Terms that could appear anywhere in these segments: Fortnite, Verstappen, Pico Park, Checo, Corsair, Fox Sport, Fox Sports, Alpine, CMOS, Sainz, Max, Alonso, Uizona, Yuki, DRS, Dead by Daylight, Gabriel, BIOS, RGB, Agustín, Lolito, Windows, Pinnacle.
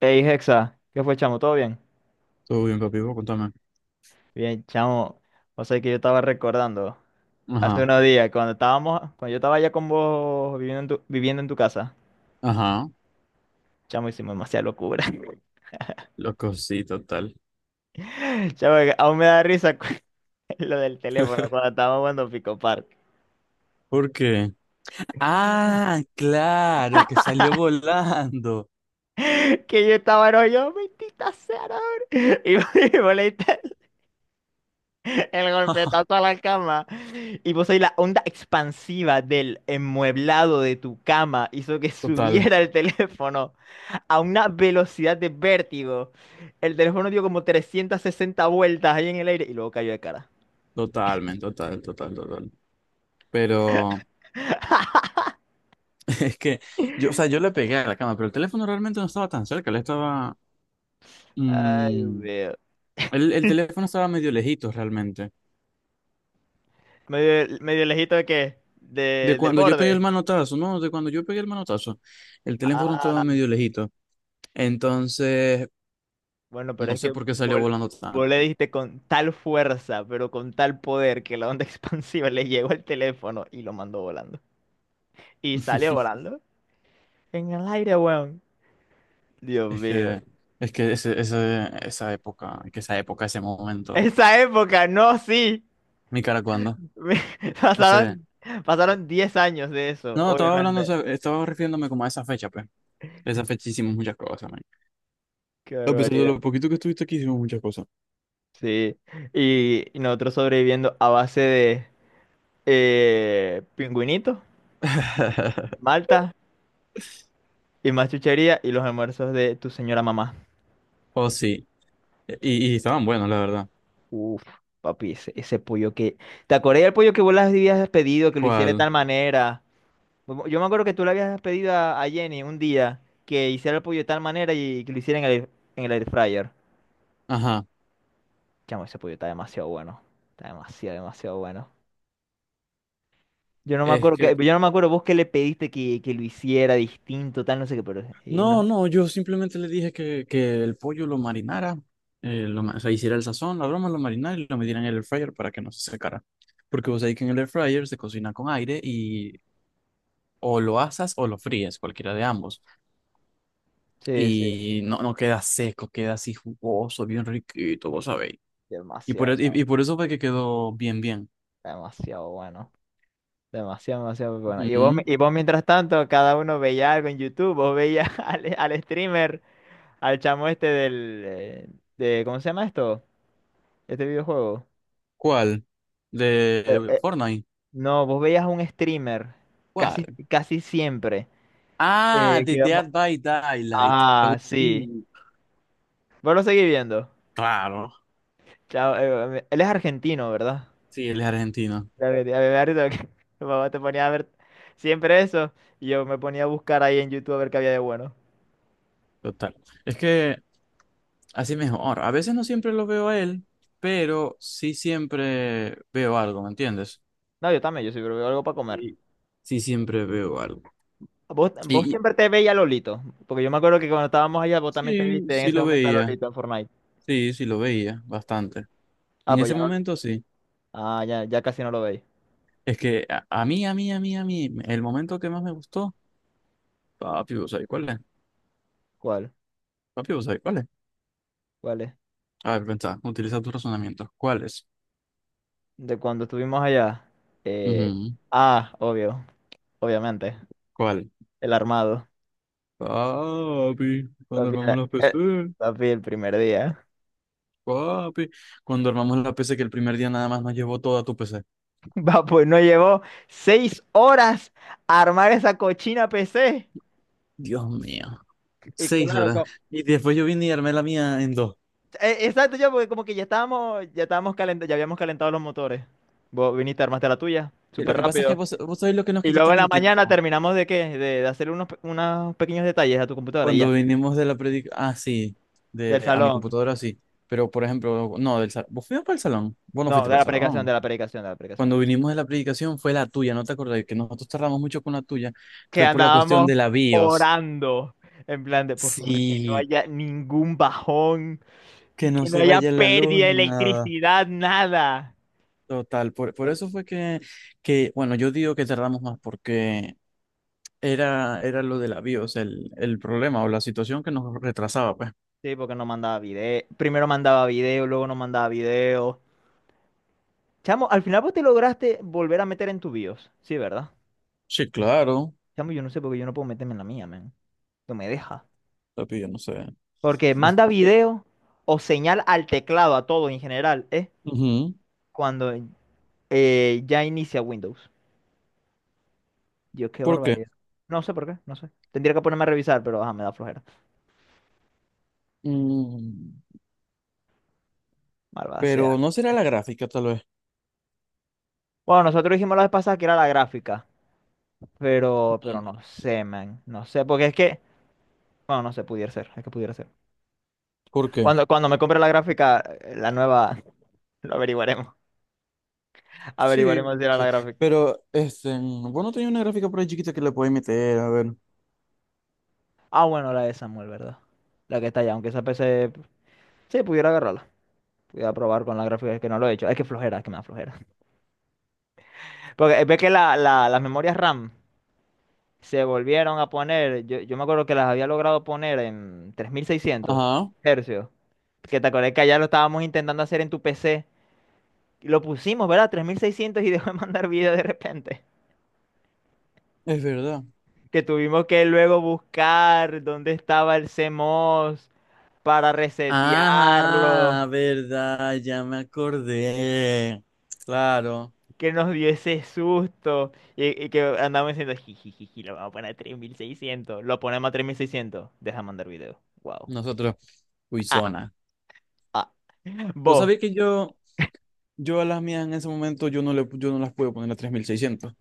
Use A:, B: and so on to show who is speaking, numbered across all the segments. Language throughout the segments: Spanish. A: Hey, Hexa, ¿qué fue, chamo? ¿Todo bien?
B: Todo bien, papi, vos contame.
A: Bien, chamo. O sea que yo estaba recordando hace
B: Ajá,
A: unos días cuando yo estaba allá con vos viviendo viviendo en tu casa.
B: ajá,
A: Chamo, hicimos demasiada locura.
B: loco, sí, total.
A: Chamo, que aún me da risa lo del teléfono cuando estábamos jugando Pico Park.
B: ¿Por qué? Ah, claro, que salió volando.
A: Que yo estaba, no, yo, mentita sea, no, hombre". Y vos y vos le diste el golpetazo a la cama. Y vos ahí la onda expansiva del enmueblado de tu cama hizo que
B: Total,
A: subiera el teléfono a una velocidad de vértigo. El teléfono dio como 360 vueltas ahí en el aire y luego cayó de cara.
B: totalmente, total, total, total. Pero es que yo, o sea, yo le pegué a la cama, pero el teléfono realmente no estaba tan cerca, le estaba...
A: Ay, Dios
B: mm,
A: mío.
B: el teléfono estaba medio lejito realmente.
A: Medio, medio lejito ¿de qué?
B: De
A: Del
B: cuando yo pegué el
A: borde.
B: manotazo, no, de cuando yo pegué el manotazo, el teléfono
A: Ah,
B: estaba medio lejito. Entonces,
A: bueno, pero
B: no
A: es
B: sé
A: que
B: por qué salió volando
A: vos
B: tanto.
A: le diste con tal fuerza, pero con tal poder que la onda expansiva le llegó al teléfono y lo mandó volando. Y salió volando en el aire, weón. Dios
B: Es
A: mío.
B: que, es que esa época, es que esa época, ese momento,
A: Esa época, no, sí.
B: mi cara cuando, ese,
A: Pasaron, pasaron 10 años de eso,
B: no, estaba hablando, o
A: obviamente.
B: sea, estaba refiriéndome como a esa fecha, pues, esa fecha hicimos muchas cosas, man.
A: Qué
B: A pesar de
A: barbaridad.
B: lo poquito que estuviste aquí, hicimos muchas cosas.
A: Sí. Y nosotros sobreviviendo a base de pingüinitos, malta y más chuchería y los almuerzos de tu señora mamá.
B: Oh, sí, y estaban buenos, la verdad.
A: Uf, papi, ese pollo que... ¿Te acordás del pollo que vos le habías pedido que lo hiciera de
B: ¿Cuál?
A: tal manera? Yo me acuerdo que tú le habías pedido a Jenny un día que hiciera el pollo de tal manera y que lo hiciera en el air fryer.
B: Ajá,
A: Chamo, ese pollo está demasiado bueno. Está demasiado, demasiado bueno.
B: es que,
A: Yo no me acuerdo vos qué le pediste que lo hiciera distinto, tal, no sé qué, pero no.
B: no, no, yo simplemente le dije que el pollo lo marinara, lo ma- o sea, hiciera el sazón, la broma, lo marinara y lo metiera en el air fryer para que no se secara. Porque vos sabés que en el air fryer se cocina con aire y o lo asas o lo fríes, cualquiera de ambos.
A: Sí, sí,
B: Y no, no queda seco, queda así jugoso, bien riquito, vos sabéis. Y por,
A: demasiado,
B: e- y,
A: chavo,
B: y por eso fue que quedó bien, bien.
A: demasiado bueno. Demasiado, demasiado bueno.
B: Ujú.
A: Y vos mientras tanto, cada uno veía algo en YouTube, vos veías al streamer, al chamo este ¿cómo se llama esto? Este videojuego.
B: ¿Cuál?
A: Eh,
B: ¿De
A: eh,
B: Fortnite?
A: no, vos veías a un streamer casi,
B: ¿Cuál?
A: casi siempre.
B: Ah,
A: Eh,
B: de
A: que vamos-
B: Dead by Daylight.
A: Ah, sí.
B: Agustín.
A: Vos lo seguís viendo.
B: Claro.
A: Chao, él es argentino, ¿verdad?
B: Sí, él es argentino,
A: Ya me da risa porque mi mamá te ponía a ver siempre eso y yo me ponía a buscar ahí en YouTube a ver qué había de bueno.
B: total. Es que así mejor. A veces no siempre lo veo a él, pero sí siempre veo algo, ¿me entiendes?
A: No, yo también, yo siempre veo algo para comer.
B: Sí, sí siempre veo algo.
A: ¿Vos,
B: Y,
A: vos
B: y-
A: siempre te veías a Lolito? Porque yo me acuerdo que cuando estábamos allá vos también te
B: sí,
A: viste en
B: sí
A: ese
B: lo
A: momento a
B: veía,
A: Lolito en Fortnite.
B: sí, sí lo veía, bastante.
A: Ah,
B: En
A: pues
B: ese
A: ya no.
B: momento sí.
A: Ah, ya casi no lo veis.
B: Es que a mí, a mí, a mí, a mí, el momento que más me gustó, papi, ¿vos sabés cuál es?
A: ¿Cuál?
B: Papi, ¿vos sabés cuál es?
A: ¿Cuál es?
B: A ver, pensá, utiliza tus razonamientos. ¿Cuál es?
A: De cuando estuvimos allá. Eh,
B: Ujú.
A: obvio, obviamente.
B: ¿Cuál?
A: El armado.
B: Papi, cuando
A: Papi,
B: armamos los
A: eh,
B: PC.
A: papi, el primer día.
B: Papi, cuando armamos la PC, que el primer día nada más nos llevó toda tu PC.
A: Va, pues no llevó 6 horas a armar esa cochina PC.
B: Dios mío,
A: Y
B: seis
A: claro,
B: horas. Y después yo vine y armé la mía en dos.
A: exacto, yo, porque como que ya estábamos, calentando, ya habíamos calentado los motores. Vos viniste, armaste la tuya,
B: Y lo
A: súper
B: que pasa es
A: rápido.
B: que vos, vos sabés lo que nos
A: Y
B: quitó
A: luego en la
B: también
A: mañana
B: tiempo.
A: terminamos de qué, de hacer unos pequeños detalles a tu computadora y
B: Cuando
A: ya,
B: vinimos de la predica, ah, sí,
A: del
B: de, a mi
A: salón.
B: computadora, sí. Pero, por ejemplo, no, del salón. ¿Vos fuimos para el salón? Vos no
A: No,
B: fuiste
A: de
B: para
A: la
B: el
A: aplicación, de
B: salón.
A: la aplicación, de la aplicación.
B: Cuando vinimos de la predicación fue la tuya, ¿no te acordás? Que nosotros tardamos mucho con la tuya.
A: Que
B: Fue por la cuestión
A: andábamos
B: de la BIOS.
A: orando, en plan de, por favor, que no
B: Sí,
A: haya ningún bajón,
B: que no
A: que no
B: se
A: haya
B: vaya la luz
A: pérdida de
B: ni nada.
A: electricidad, nada.
B: Total, por
A: Por-
B: eso fue que, bueno, yo digo que tardamos más porque era lo de la bios el problema o la situación que nos retrasaba, pues.
A: Sí, porque no mandaba video. Primero mandaba video, luego no mandaba video. Chamo, al final vos te lograste volver a meter en tu BIOS. Sí, ¿verdad?
B: Sí, claro,
A: Chamo, yo no sé por qué yo no puedo meterme en la mía, man. No me deja.
B: papi, yo no sé.
A: Porque
B: No s-
A: manda video o señal al teclado, a todo en general, ¿eh?
B: Ujú.
A: Cuando ya inicia Windows. Dios, qué
B: ¿Por qué?
A: barbaridad. No sé por qué, no sé. Tendría que ponerme a revisar, pero ajá, me da flojera.
B: Mm,
A: Malvada
B: pero
A: sea.
B: no será la gráfica, tal vez.
A: Bueno, nosotros dijimos la vez pasada que era la gráfica. Pero
B: Ujú.
A: no sé, man. No sé, porque es que. Bueno, no sé, pudiera ser, es que pudiera ser.
B: ¿Por qué?
A: Cuando me compre la gráfica, la nueva, lo averiguaremos.
B: Sí,
A: Averiguaremos si
B: puede
A: era la
B: ser.
A: gráfica.
B: Pero, este, bueno, tenía una gráfica por ahí chiquita que le podéis meter, a ver.
A: Ah, bueno, la de Samuel, ¿verdad? La que está allá, aunque esa PC, sí, pudiera agarrarla. Pudiera probar con la gráfica, es que no lo he hecho. Es que flojera, es que me da flojera. Porque ve que las memorias RAM se volvieron a poner, yo me acuerdo que las había logrado poner en tres mil seiscientos
B: Ajá,
A: hercios. Que te acordás que allá lo estábamos intentando hacer en tu PC. Y lo pusimos, ¿verdad? 3600 y dejó de mandar video de repente.
B: es verdad.
A: Que tuvimos que luego buscar dónde estaba el CMOS para resetearlo,
B: Ajá, verdad, ya me acordé. Claro.
A: que nos dio ese susto y que andamos diciendo, jijijiji, lo vamos a poner a 3600, lo ponemos a 3600, deja mandar video, wow.
B: Nosotros,
A: Ah,
B: Uizona.
A: ah.
B: Vos
A: Vos,
B: sabés que yo a las mías en ese momento yo no, le, yo no las puedo poner a 3600.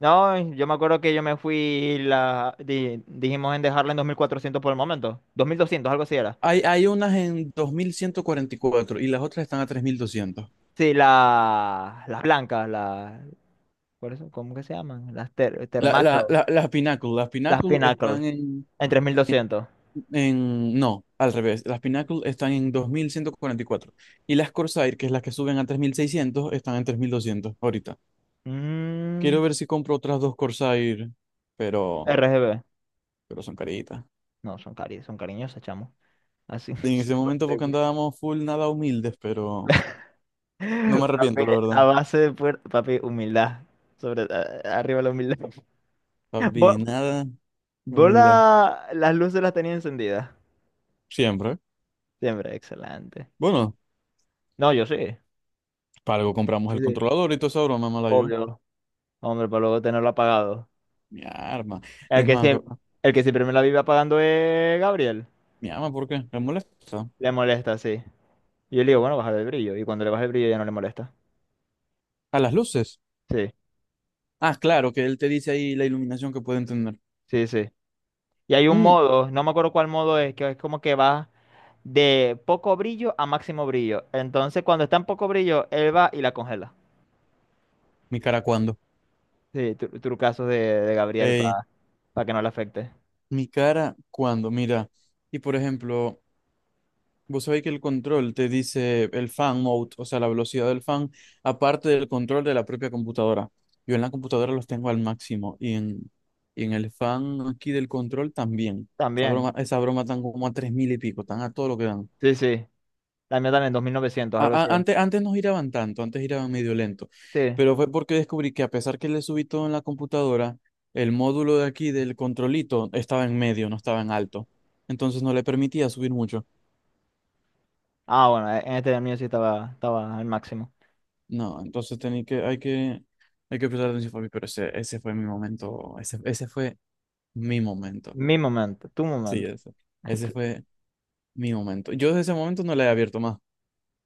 A: no, yo me acuerdo que yo me fui, dijimos en dejarla en 2400 por el momento, 2200 algo así era.
B: Hay, hay unas en 2144 y las otras están a 3200.
A: Sí, las blancas, ¿cuáles son? ¿Cómo que se llaman? Las
B: La, la,
A: termacro,
B: la- las Pinnacle, las
A: las
B: Pinnacle
A: pinnacle.
B: están
A: En 3200.
B: en... No, al revés. Las Pinnacle están en 2144 y las Corsair, que es las que suben a 3600 están en 3200 ahorita.
A: Mm,
B: Quiero ver si compro otras dos Corsair, pero,
A: RGB.
B: pero son caritas.
A: No, son cariñosas, chamo. Así.
B: En ese momento
A: 50
B: porque andábamos full nada humildes, pero no me
A: Papi,
B: arrepiento, la verdad.
A: a base de puer- Papi, humildad. Arriba la humildad. ¿Vos,
B: Papi, nada de
A: vos
B: humildad.
A: las luces las tenías encendidas?
B: Siempre.
A: Siempre, excelente.
B: Bueno,
A: No, yo sí.
B: para algo compramos
A: Sí,
B: el
A: sí.
B: controlador y toda esa broma, mala yo.
A: Obvio. Hombre, para luego tenerlo apagado.
B: Mi arma. Y
A: El
B: es
A: que
B: más, go-
A: siempre, el que siempre me la vive apagando es Gabriel.
B: mi arma, ¿por qué? ¿Me molesta?
A: Le molesta, sí. Y yo le digo, bueno, bajar el brillo. Y cuando le baja el brillo ya no le molesta.
B: A las luces.
A: Sí,
B: Ah, claro, que él te dice ahí la iluminación que pueden tener.
A: sí, sí. Y hay un
B: Mm,
A: modo, no me acuerdo cuál modo es, que es como que va de poco brillo a máximo brillo. Entonces, cuando está en poco brillo, él va y la congela.
B: mi cara, ¿cuándo?
A: Sí, trucazos de Gabriel
B: Ey,
A: para que no le afecte.
B: mi cara, ¿cuándo? Mira. Y por ejemplo. Vos sabéis que el control te dice el fan mode, o sea, la velocidad del fan, aparte del control de la propia computadora. Yo en la computadora los tengo al máximo y en el fan aquí del control también.
A: También.
B: Esa broma están como a 3000 y pico, están a todo lo que dan.
A: Sí, sí. La mía también, 2900
B: A-
A: algo
B: a-
A: así.
B: antes, antes no giraban tanto, antes giraban medio lento,
A: Sí.
B: pero fue porque descubrí que a pesar que le subí todo en la computadora, el módulo de aquí del controlito estaba en medio, no estaba en alto. Entonces no le permitía subir mucho.
A: Ah, bueno, en este el mío sí estaba al máximo.
B: No, entonces tenía que, hay que, hay que prestar atención para mí, pero ese fue mi momento, ese fue mi momento.
A: Mi momento, tu
B: Sí,
A: momento.
B: ese fue mi momento. Yo desde ese momento no la he abierto más. O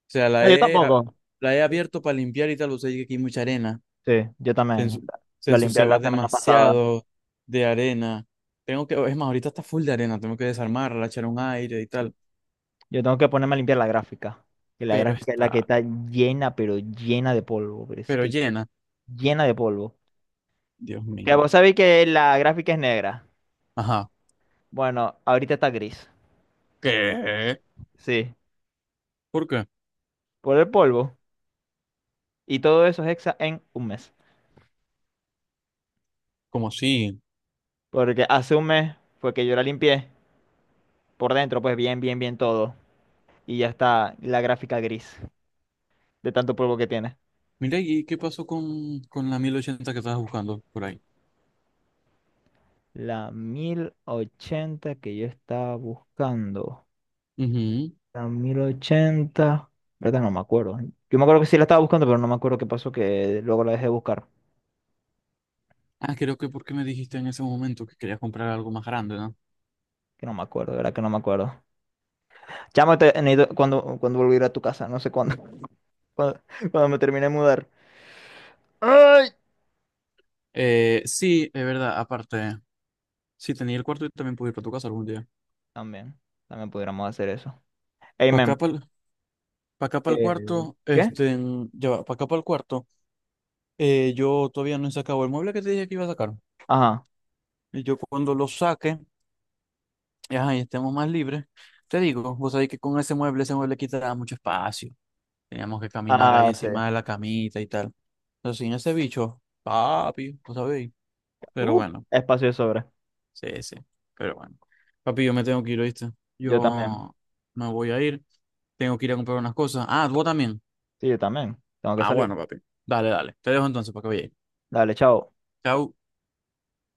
B: sea,
A: No,
B: la
A: yo
B: he, a-
A: tampoco.
B: la he abierto para limpiar y tal, o sea, que aquí hay mucha arena,
A: Sí, yo
B: se,
A: también.
B: ensu- se
A: La limpié
B: ensuciaba
A: la semana pasada.
B: demasiado de arena. Tengo que, es más, ahorita está full de arena, tengo que desarmarla, echar un aire y tal,
A: Yo tengo que ponerme a limpiar la gráfica. Que la
B: pero
A: gráfica es la que
B: está,
A: está llena, pero llena de polvo. Pero es
B: pero
A: que
B: llena.
A: llena de polvo.
B: Dios
A: Que
B: mío.
A: vos sabéis que la gráfica es negra.
B: Ajá.
A: Bueno, ahorita está gris.
B: ¿Qué?
A: Sí,
B: ¿Por qué?
A: por el polvo. Y todo eso es hexa en un mes.
B: ¿Cómo así?
A: Porque hace un mes fue que yo la limpié por dentro, pues bien, bien, bien todo. Y ya está la gráfica gris de tanto polvo que tiene.
B: Mira, ¿y qué pasó con la 1080 que estabas buscando por ahí?
A: La 1080 que yo estaba buscando.
B: Ujú.
A: La 1080 ¿verdad? No me acuerdo. Yo me acuerdo que sí la estaba buscando, pero no me acuerdo qué pasó, que luego la dejé de buscar.
B: Ah, creo que porque me dijiste en ese momento que querías comprar algo más grande, ¿no?
A: Que no me acuerdo, de ¿verdad? Que no me acuerdo. Chamo, cuando volví a ir a tu casa, no sé cuándo. Cuando, cuando me termine de mudar. ¡Ay!
B: Sí, es verdad, aparte, sí tenía el cuarto y también pude ir para tu casa algún día.
A: También, también pudiéramos hacer eso.
B: Para acá,
A: Amen.
B: para acá, para el cuarto,
A: ¿Qué?
B: este, para acá, para el cuarto, yo todavía no he sacado el mueble que te dije que iba a sacar.
A: Ajá.
B: Y yo cuando lo saque, ajá, y estemos más libres, te digo, vos sabés que con ese mueble quita mucho espacio. Teníamos que caminar ahí
A: Ah, sí.
B: encima de la camita y tal. Pero sin ese bicho, papi, ¿no sabéis? Pero
A: Uh,
B: bueno,
A: espacio de sobra.
B: sí, sí. Pero bueno. Papi, yo me tengo que ir, ¿oíste?
A: Yo también.
B: Yo me voy a ir. Tengo que ir a comprar unas cosas. Ah, vos también.
A: Sí, yo también. Tengo que
B: Ah,
A: salir.
B: bueno, papi. Dale, dale. Te dejo entonces para que vayas.
A: Dale, chao.
B: Chau.